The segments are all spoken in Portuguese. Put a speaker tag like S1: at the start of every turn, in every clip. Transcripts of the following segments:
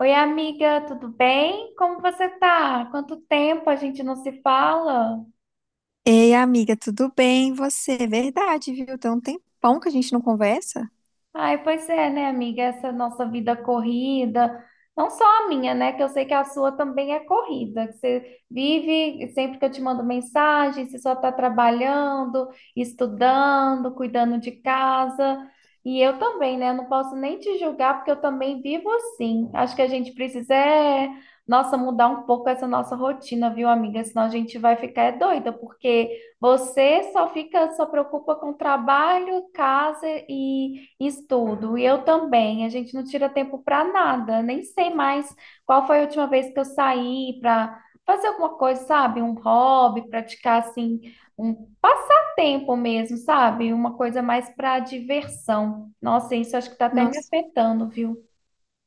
S1: Oi, amiga, tudo bem? Como você tá? Quanto tempo a gente não se fala?
S2: Ei, amiga, tudo bem? E você? Verdade, viu? Tem um tempão que a gente não conversa.
S1: Ai, pois é, né, amiga? Essa nossa vida corrida, não só a minha, né? Que eu sei que a sua também é corrida, que você vive, sempre que eu te mando mensagem, você só tá trabalhando, estudando, cuidando de casa. E eu também, né? Não posso nem te julgar, porque eu também vivo assim. Acho que a gente precisa, é, nossa, mudar um pouco essa nossa rotina, viu, amiga? Senão a gente vai ficar é doida, porque você só fica, só preocupa com trabalho, casa e estudo, e eu também. A gente não tira tempo para nada. Nem sei mais qual foi a última vez que eu saí para fazer alguma coisa, sabe? Um hobby, praticar assim, um passatempo mesmo, sabe? Uma coisa mais para diversão. Nossa, isso acho que tá até me
S2: Nossa,
S1: afetando, viu?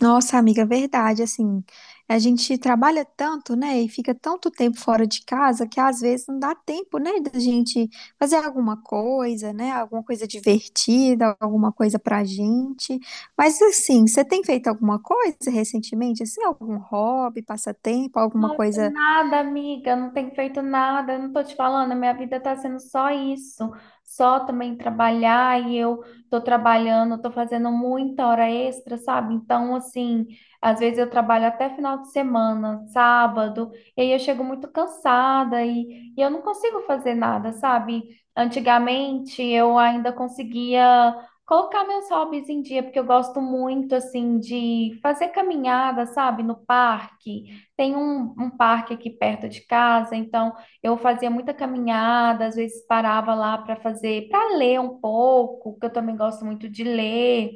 S2: Nossa, amiga, verdade. Assim, a gente trabalha tanto, né? E fica tanto tempo fora de casa que às vezes não dá tempo, né? Da gente fazer alguma coisa, né? Alguma coisa divertida, alguma coisa pra gente. Mas assim, você tem feito alguma coisa recentemente? Assim, algum hobby, passatempo, alguma
S1: Nossa,
S2: coisa?
S1: nada, amiga, não tenho feito nada, eu não tô te falando, a minha vida tá sendo só isso, só também trabalhar e eu tô trabalhando, tô fazendo muita hora extra, sabe? Então, assim, às vezes eu trabalho até final de semana, sábado, e aí eu chego muito cansada e eu não consigo fazer nada, sabe? Antigamente eu ainda conseguia colocar meus hobbies em dia, porque eu gosto muito, assim, de fazer caminhada, sabe, no parque. Tem um parque aqui perto de casa, então eu fazia muita caminhada, às vezes parava lá para fazer, para ler um pouco, que eu também gosto muito de ler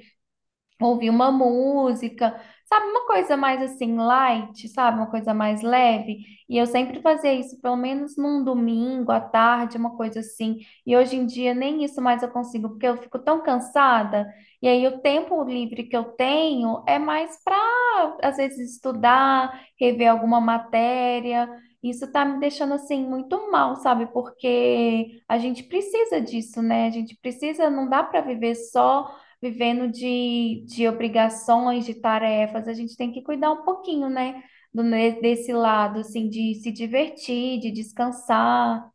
S1: ouvir uma música, sabe? Uma coisa mais assim, light, sabe? Uma coisa mais leve. E eu sempre fazia isso, pelo menos num domingo à tarde, uma coisa assim. E hoje em dia nem isso mais eu consigo, porque eu fico tão cansada. E aí o tempo livre que eu tenho é mais para, às vezes, estudar, rever alguma matéria. Isso tá me deixando assim muito mal, sabe? Porque a gente precisa disso, né? A gente precisa, não dá para viver só vivendo de obrigações, de tarefas, a gente tem que cuidar um pouquinho, né? Desse lado, assim, de se divertir, de descansar.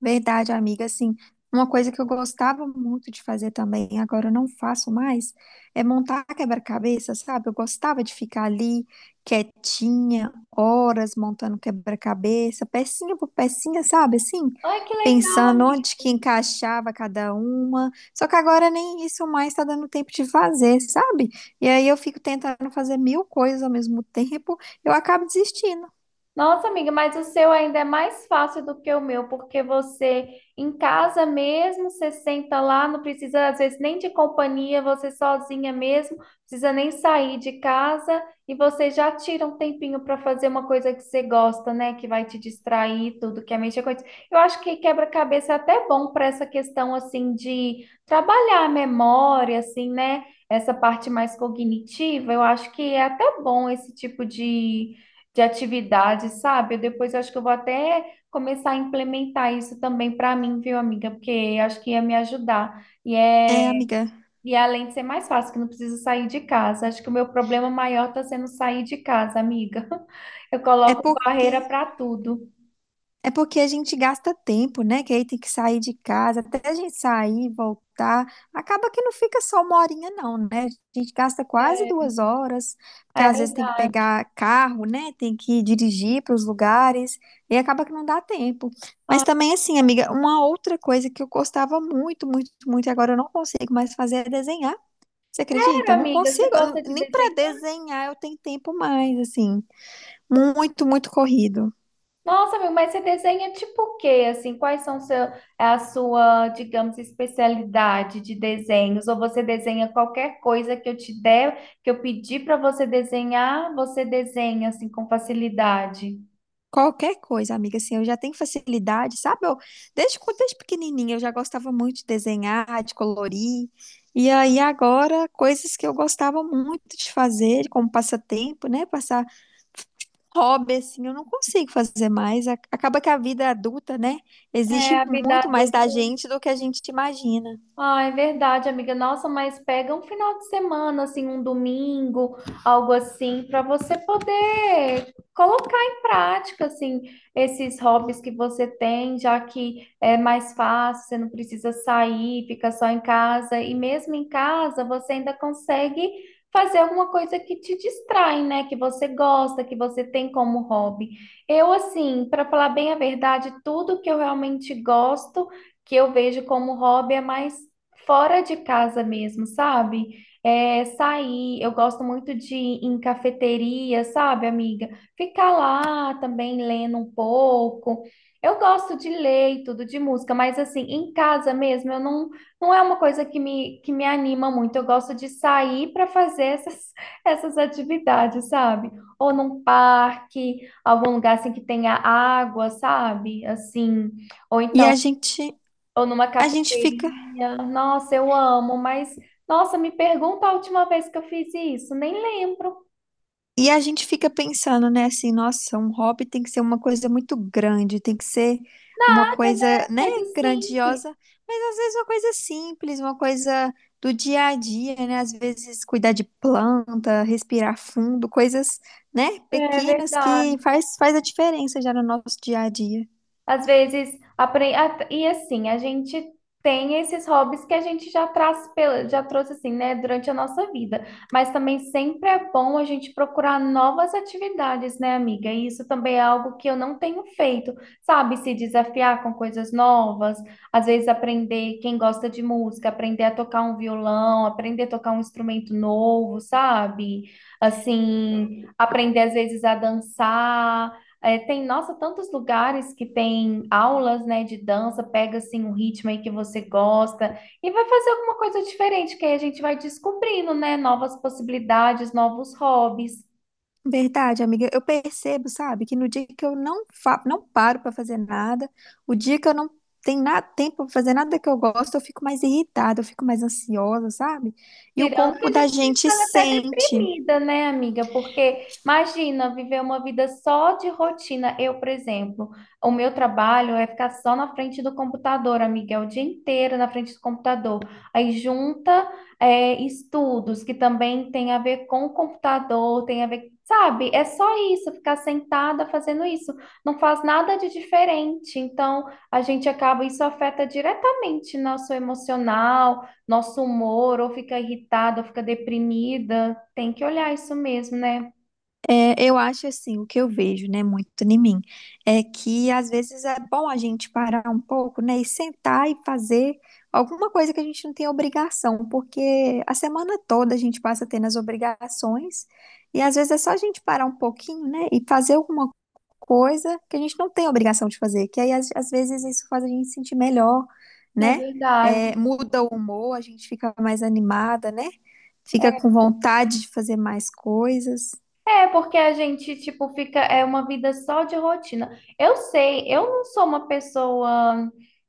S2: Verdade, amiga. Assim, uma coisa que eu gostava muito de fazer também, agora eu não faço mais, é montar quebra-cabeça, sabe? Eu gostava de ficar ali quietinha, horas montando quebra-cabeça, pecinha por pecinha, sabe? Assim,
S1: Ai, que legal!
S2: pensando onde que encaixava cada uma. Só que agora nem isso mais tá dando tempo de fazer, sabe? E aí eu fico tentando fazer mil coisas ao mesmo tempo, eu acabo desistindo.
S1: Nossa, amiga, mas o seu ainda é mais fácil do que o meu, porque você em casa mesmo, você senta lá, não precisa às vezes nem de companhia, você sozinha mesmo, não precisa nem sair de casa e você já tira um tempinho para fazer uma coisa que você gosta, né? Que vai te distrair, tudo que é mexer com isso. Eu acho que quebra-cabeça é até bom para essa questão assim de trabalhar a memória, assim, né? Essa parte mais cognitiva, eu acho que é até bom esse tipo de atividade, sabe? Depois eu acho que eu vou até começar a implementar isso também para mim, viu, amiga? Porque acho que ia me ajudar.
S2: É, amiga,
S1: E é além de ser mais fácil, que não preciso sair de casa. Acho que o meu problema maior está sendo sair de casa, amiga. Eu
S2: é
S1: coloco
S2: porque
S1: barreira para tudo.
S2: É porque a gente gasta tempo, né? Que aí tem que sair de casa, até a gente sair, voltar. Acaba que não fica só uma horinha, não, né? A gente gasta quase
S1: É
S2: duas horas, porque
S1: é
S2: às vezes tem que
S1: verdade.
S2: pegar carro, né? Tem que dirigir para os lugares, e acaba que não dá tempo. Mas
S1: Ah,
S2: também, assim, amiga, uma outra coisa que eu gostava muito, muito, muito, e agora eu não consigo mais fazer é desenhar. Você acredita?
S1: sério,
S2: Eu não
S1: amiga, você
S2: consigo, eu não-
S1: gosta de
S2: nem para
S1: desenhar?
S2: desenhar eu tenho tempo mais, assim, muito, muito corrido.
S1: Nossa, amigo, mas você desenha tipo o quê? Assim, quais são seu, é a sua, digamos, especialidade de desenhos? Ou você desenha qualquer coisa que eu te der, que eu pedir para você desenhar, você desenha assim com facilidade?
S2: Qualquer coisa, amiga, assim, eu já tenho facilidade, sabe? Eu, desde pequenininha eu já gostava muito de desenhar, de colorir. E aí agora, coisas que eu gostava muito de fazer, como passatempo, né? Passar hobby, assim, eu não consigo fazer mais. Acaba que a vida adulta, né?
S1: É,
S2: Exige
S1: a vida
S2: muito mais da
S1: adulta.
S2: gente do que a gente imagina.
S1: Ah, é verdade, amiga. Nossa, mas pega um final de semana, assim, um domingo, algo assim, para você poder colocar em prática, assim, esses hobbies que você tem, já que é mais fácil, você não precisa sair, fica só em casa. E mesmo em casa, você ainda consegue fazer alguma coisa que te distrai, né? Que você gosta, que você tem como hobby. Eu, assim, para falar bem a verdade, tudo que eu realmente gosto que eu vejo como hobby é mais fora de casa mesmo, sabe? É, sair, eu gosto muito de ir em cafeteria, sabe, amiga? Ficar lá também lendo um pouco. Eu gosto de ler e tudo de música, mas assim, em casa mesmo, eu não, não é uma coisa que me anima muito. Eu gosto de sair para fazer essas, essas atividades, sabe? Ou num parque, algum lugar assim que tenha água, sabe? Assim, ou
S2: E
S1: então
S2: a gente,
S1: ou numa
S2: a gente fica
S1: cafeteria. Nossa, eu amo, mas nossa, me pergunta a última vez que eu fiz isso. Nem lembro.
S2: E a gente fica pensando, né, assim, nossa, um hobby tem que ser uma coisa muito grande, tem que ser uma
S1: Nada, né?
S2: coisa, né,
S1: Coisa simples.
S2: grandiosa, mas às vezes uma coisa simples, uma coisa do dia a dia, né? Às vezes cuidar de planta, respirar fundo, coisas, né,
S1: É
S2: pequenas
S1: verdade.
S2: que faz a diferença já no nosso dia a dia.
S1: Às vezes, e assim, a gente tem esses hobbies que a gente já traz, já trouxe assim, né, durante a nossa vida. Mas também sempre é bom a gente procurar novas atividades, né, amiga? E isso também é algo que eu não tenho feito, sabe? Se desafiar com coisas novas, às vezes aprender quem gosta de música, aprender a tocar um violão, aprender a tocar um instrumento novo, sabe? Assim, aprender às vezes a dançar. É, tem, nossa, tantos lugares que tem aulas, né, de dança, pega assim um ritmo aí que você gosta e vai fazer alguma coisa diferente, que aí a gente vai descobrindo, né, novas possibilidades, novos hobbies.
S2: Verdade, amiga. Eu percebo, sabe, que no dia que eu não fa não paro pra fazer nada, o dia que eu não tenho nada tempo pra fazer nada que eu gosto, eu fico mais irritada, eu fico mais ansiosa, sabe? E o
S1: Tirando que
S2: corpo
S1: a
S2: da
S1: gente
S2: gente
S1: fica até
S2: sente.
S1: deprimida, né, amiga? Porque imagina viver uma vida só de rotina. Eu, por exemplo, o meu trabalho é ficar só na frente do computador, amiga, é o dia inteiro na frente do computador. Aí junta, é, estudos que também tem a ver com o computador, tem a ver, sabe? É só isso, ficar sentada fazendo isso. Não faz nada de diferente. Então, a gente acaba, isso afeta diretamente nosso emocional nosso humor, ou fica irritada, ou fica deprimida. Tem que olhar isso mesmo, né?
S2: É, eu acho assim, o que eu vejo, né, muito em mim, é que às vezes é bom a gente parar um pouco, né, e sentar e fazer alguma coisa que a gente não tem obrigação, porque a semana toda a gente passa tendo as obrigações, e às vezes é só a gente parar um pouquinho, né, e fazer alguma coisa que a gente não tem obrigação de fazer, que aí às vezes isso faz a gente se sentir melhor,
S1: É
S2: né. É,
S1: verdade.
S2: muda o humor, a gente fica mais animada, né, fica com vontade de fazer mais coisas.
S1: É, porque a gente, tipo, fica, é uma vida só de rotina. Eu sei, eu não sou uma pessoa,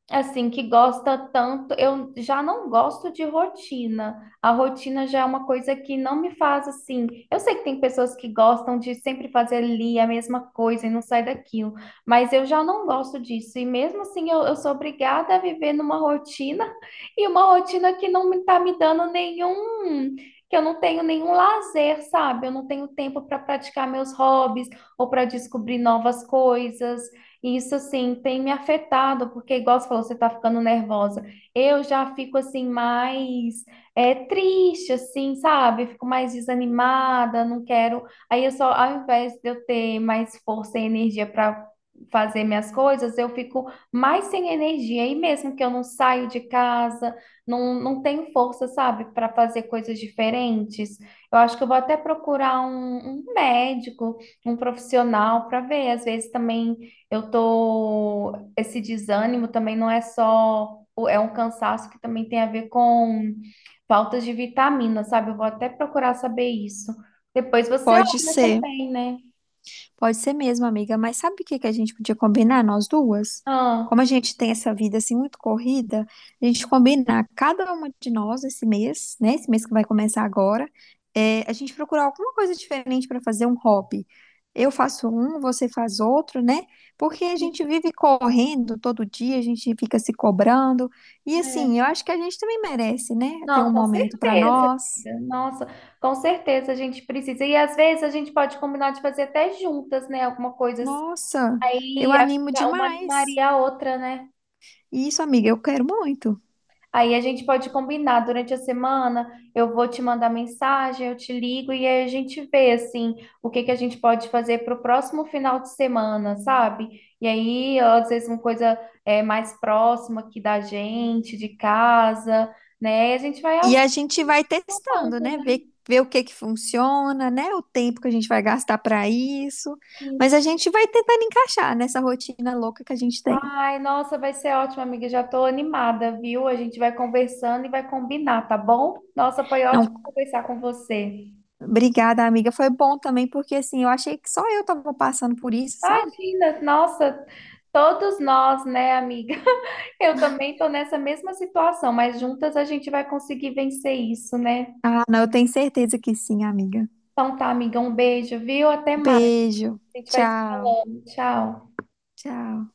S1: assim, que gosta tanto, eu já não gosto de rotina. A rotina já é uma coisa que não me faz, assim, eu sei que tem pessoas que gostam de sempre fazer ali a mesma coisa e não sai daquilo, mas eu já não gosto disso. E mesmo assim, eu sou obrigada a viver numa rotina e uma rotina que não me tá me dando nenhum que eu não tenho nenhum lazer, sabe? Eu não tenho tempo para praticar meus hobbies ou para descobrir novas coisas. E isso, assim, tem me afetado, porque, igual você falou, você tá ficando nervosa. Eu já fico, assim, mais é, triste, assim, sabe? Fico mais desanimada, não quero. Aí eu só, ao invés de eu ter mais força e energia para fazer minhas coisas, eu fico mais sem energia. E mesmo que eu não saio de casa, não, não tem força, sabe, para fazer coisas diferentes. Eu acho que eu vou até procurar um médico, um profissional para ver. Às vezes também eu tô. Esse desânimo também não é só. É um cansaço que também tem a ver com faltas de vitamina, sabe? Eu vou até procurar saber isso. Depois você
S2: Pode
S1: olha
S2: ser,
S1: também, né?
S2: pode ser mesmo, amiga. Mas sabe o que que a gente podia combinar, nós duas?
S1: Ah,
S2: Como a gente tem essa vida assim muito corrida, a gente combinar cada uma de nós esse mês, né? Esse mês que vai começar agora, é, a gente procurar alguma coisa diferente para fazer um hobby. Eu faço um, você faz outro, né? Porque a gente
S1: isso,
S2: vive correndo todo dia, a gente fica se cobrando. E
S1: né?
S2: assim, eu acho que a gente também merece, né? Ter
S1: Não,
S2: um
S1: com
S2: momento para
S1: certeza.
S2: nós.
S1: Nossa, com certeza a gente precisa. E às vezes a gente pode combinar de fazer até juntas, né? Alguma coisa assim.
S2: Nossa, eu
S1: Aí acho
S2: animo
S1: que é uma
S2: demais.
S1: animaria a outra, né?
S2: Isso, amiga, eu quero muito.
S1: Aí a gente pode combinar durante a semana. Eu vou te mandar mensagem, eu te ligo e aí a gente vê assim o que que a gente pode fazer para o próximo final de semana, sabe? E aí às vezes uma coisa é mais próxima aqui da gente, de casa, né? E a gente vai
S2: E
S1: aos
S2: a gente vai
S1: poucos,
S2: testando, né?
S1: né?
S2: Ver o que que funciona, né? O tempo que a gente vai gastar para isso. Mas a gente vai tentando encaixar nessa rotina louca que a gente tem.
S1: Ai, nossa, vai ser ótimo, amiga. Já tô animada, viu? A gente vai conversando e vai combinar, tá bom? Nossa, foi ótimo
S2: Não,
S1: conversar com você.
S2: obrigada, amiga. Foi bom também, porque assim, eu achei que só eu tava passando por isso, sabe?
S1: Imagina, nossa, todos nós, né, amiga? Eu também tô nessa mesma situação, mas juntas a gente vai conseguir vencer isso, né?
S2: Ah, não, eu tenho certeza que sim, amiga.
S1: Então tá, amiga, um beijo, viu? Até mais.
S2: Beijo.
S1: A gente vai se
S2: Tchau.
S1: falando. Tchau.
S2: Tchau.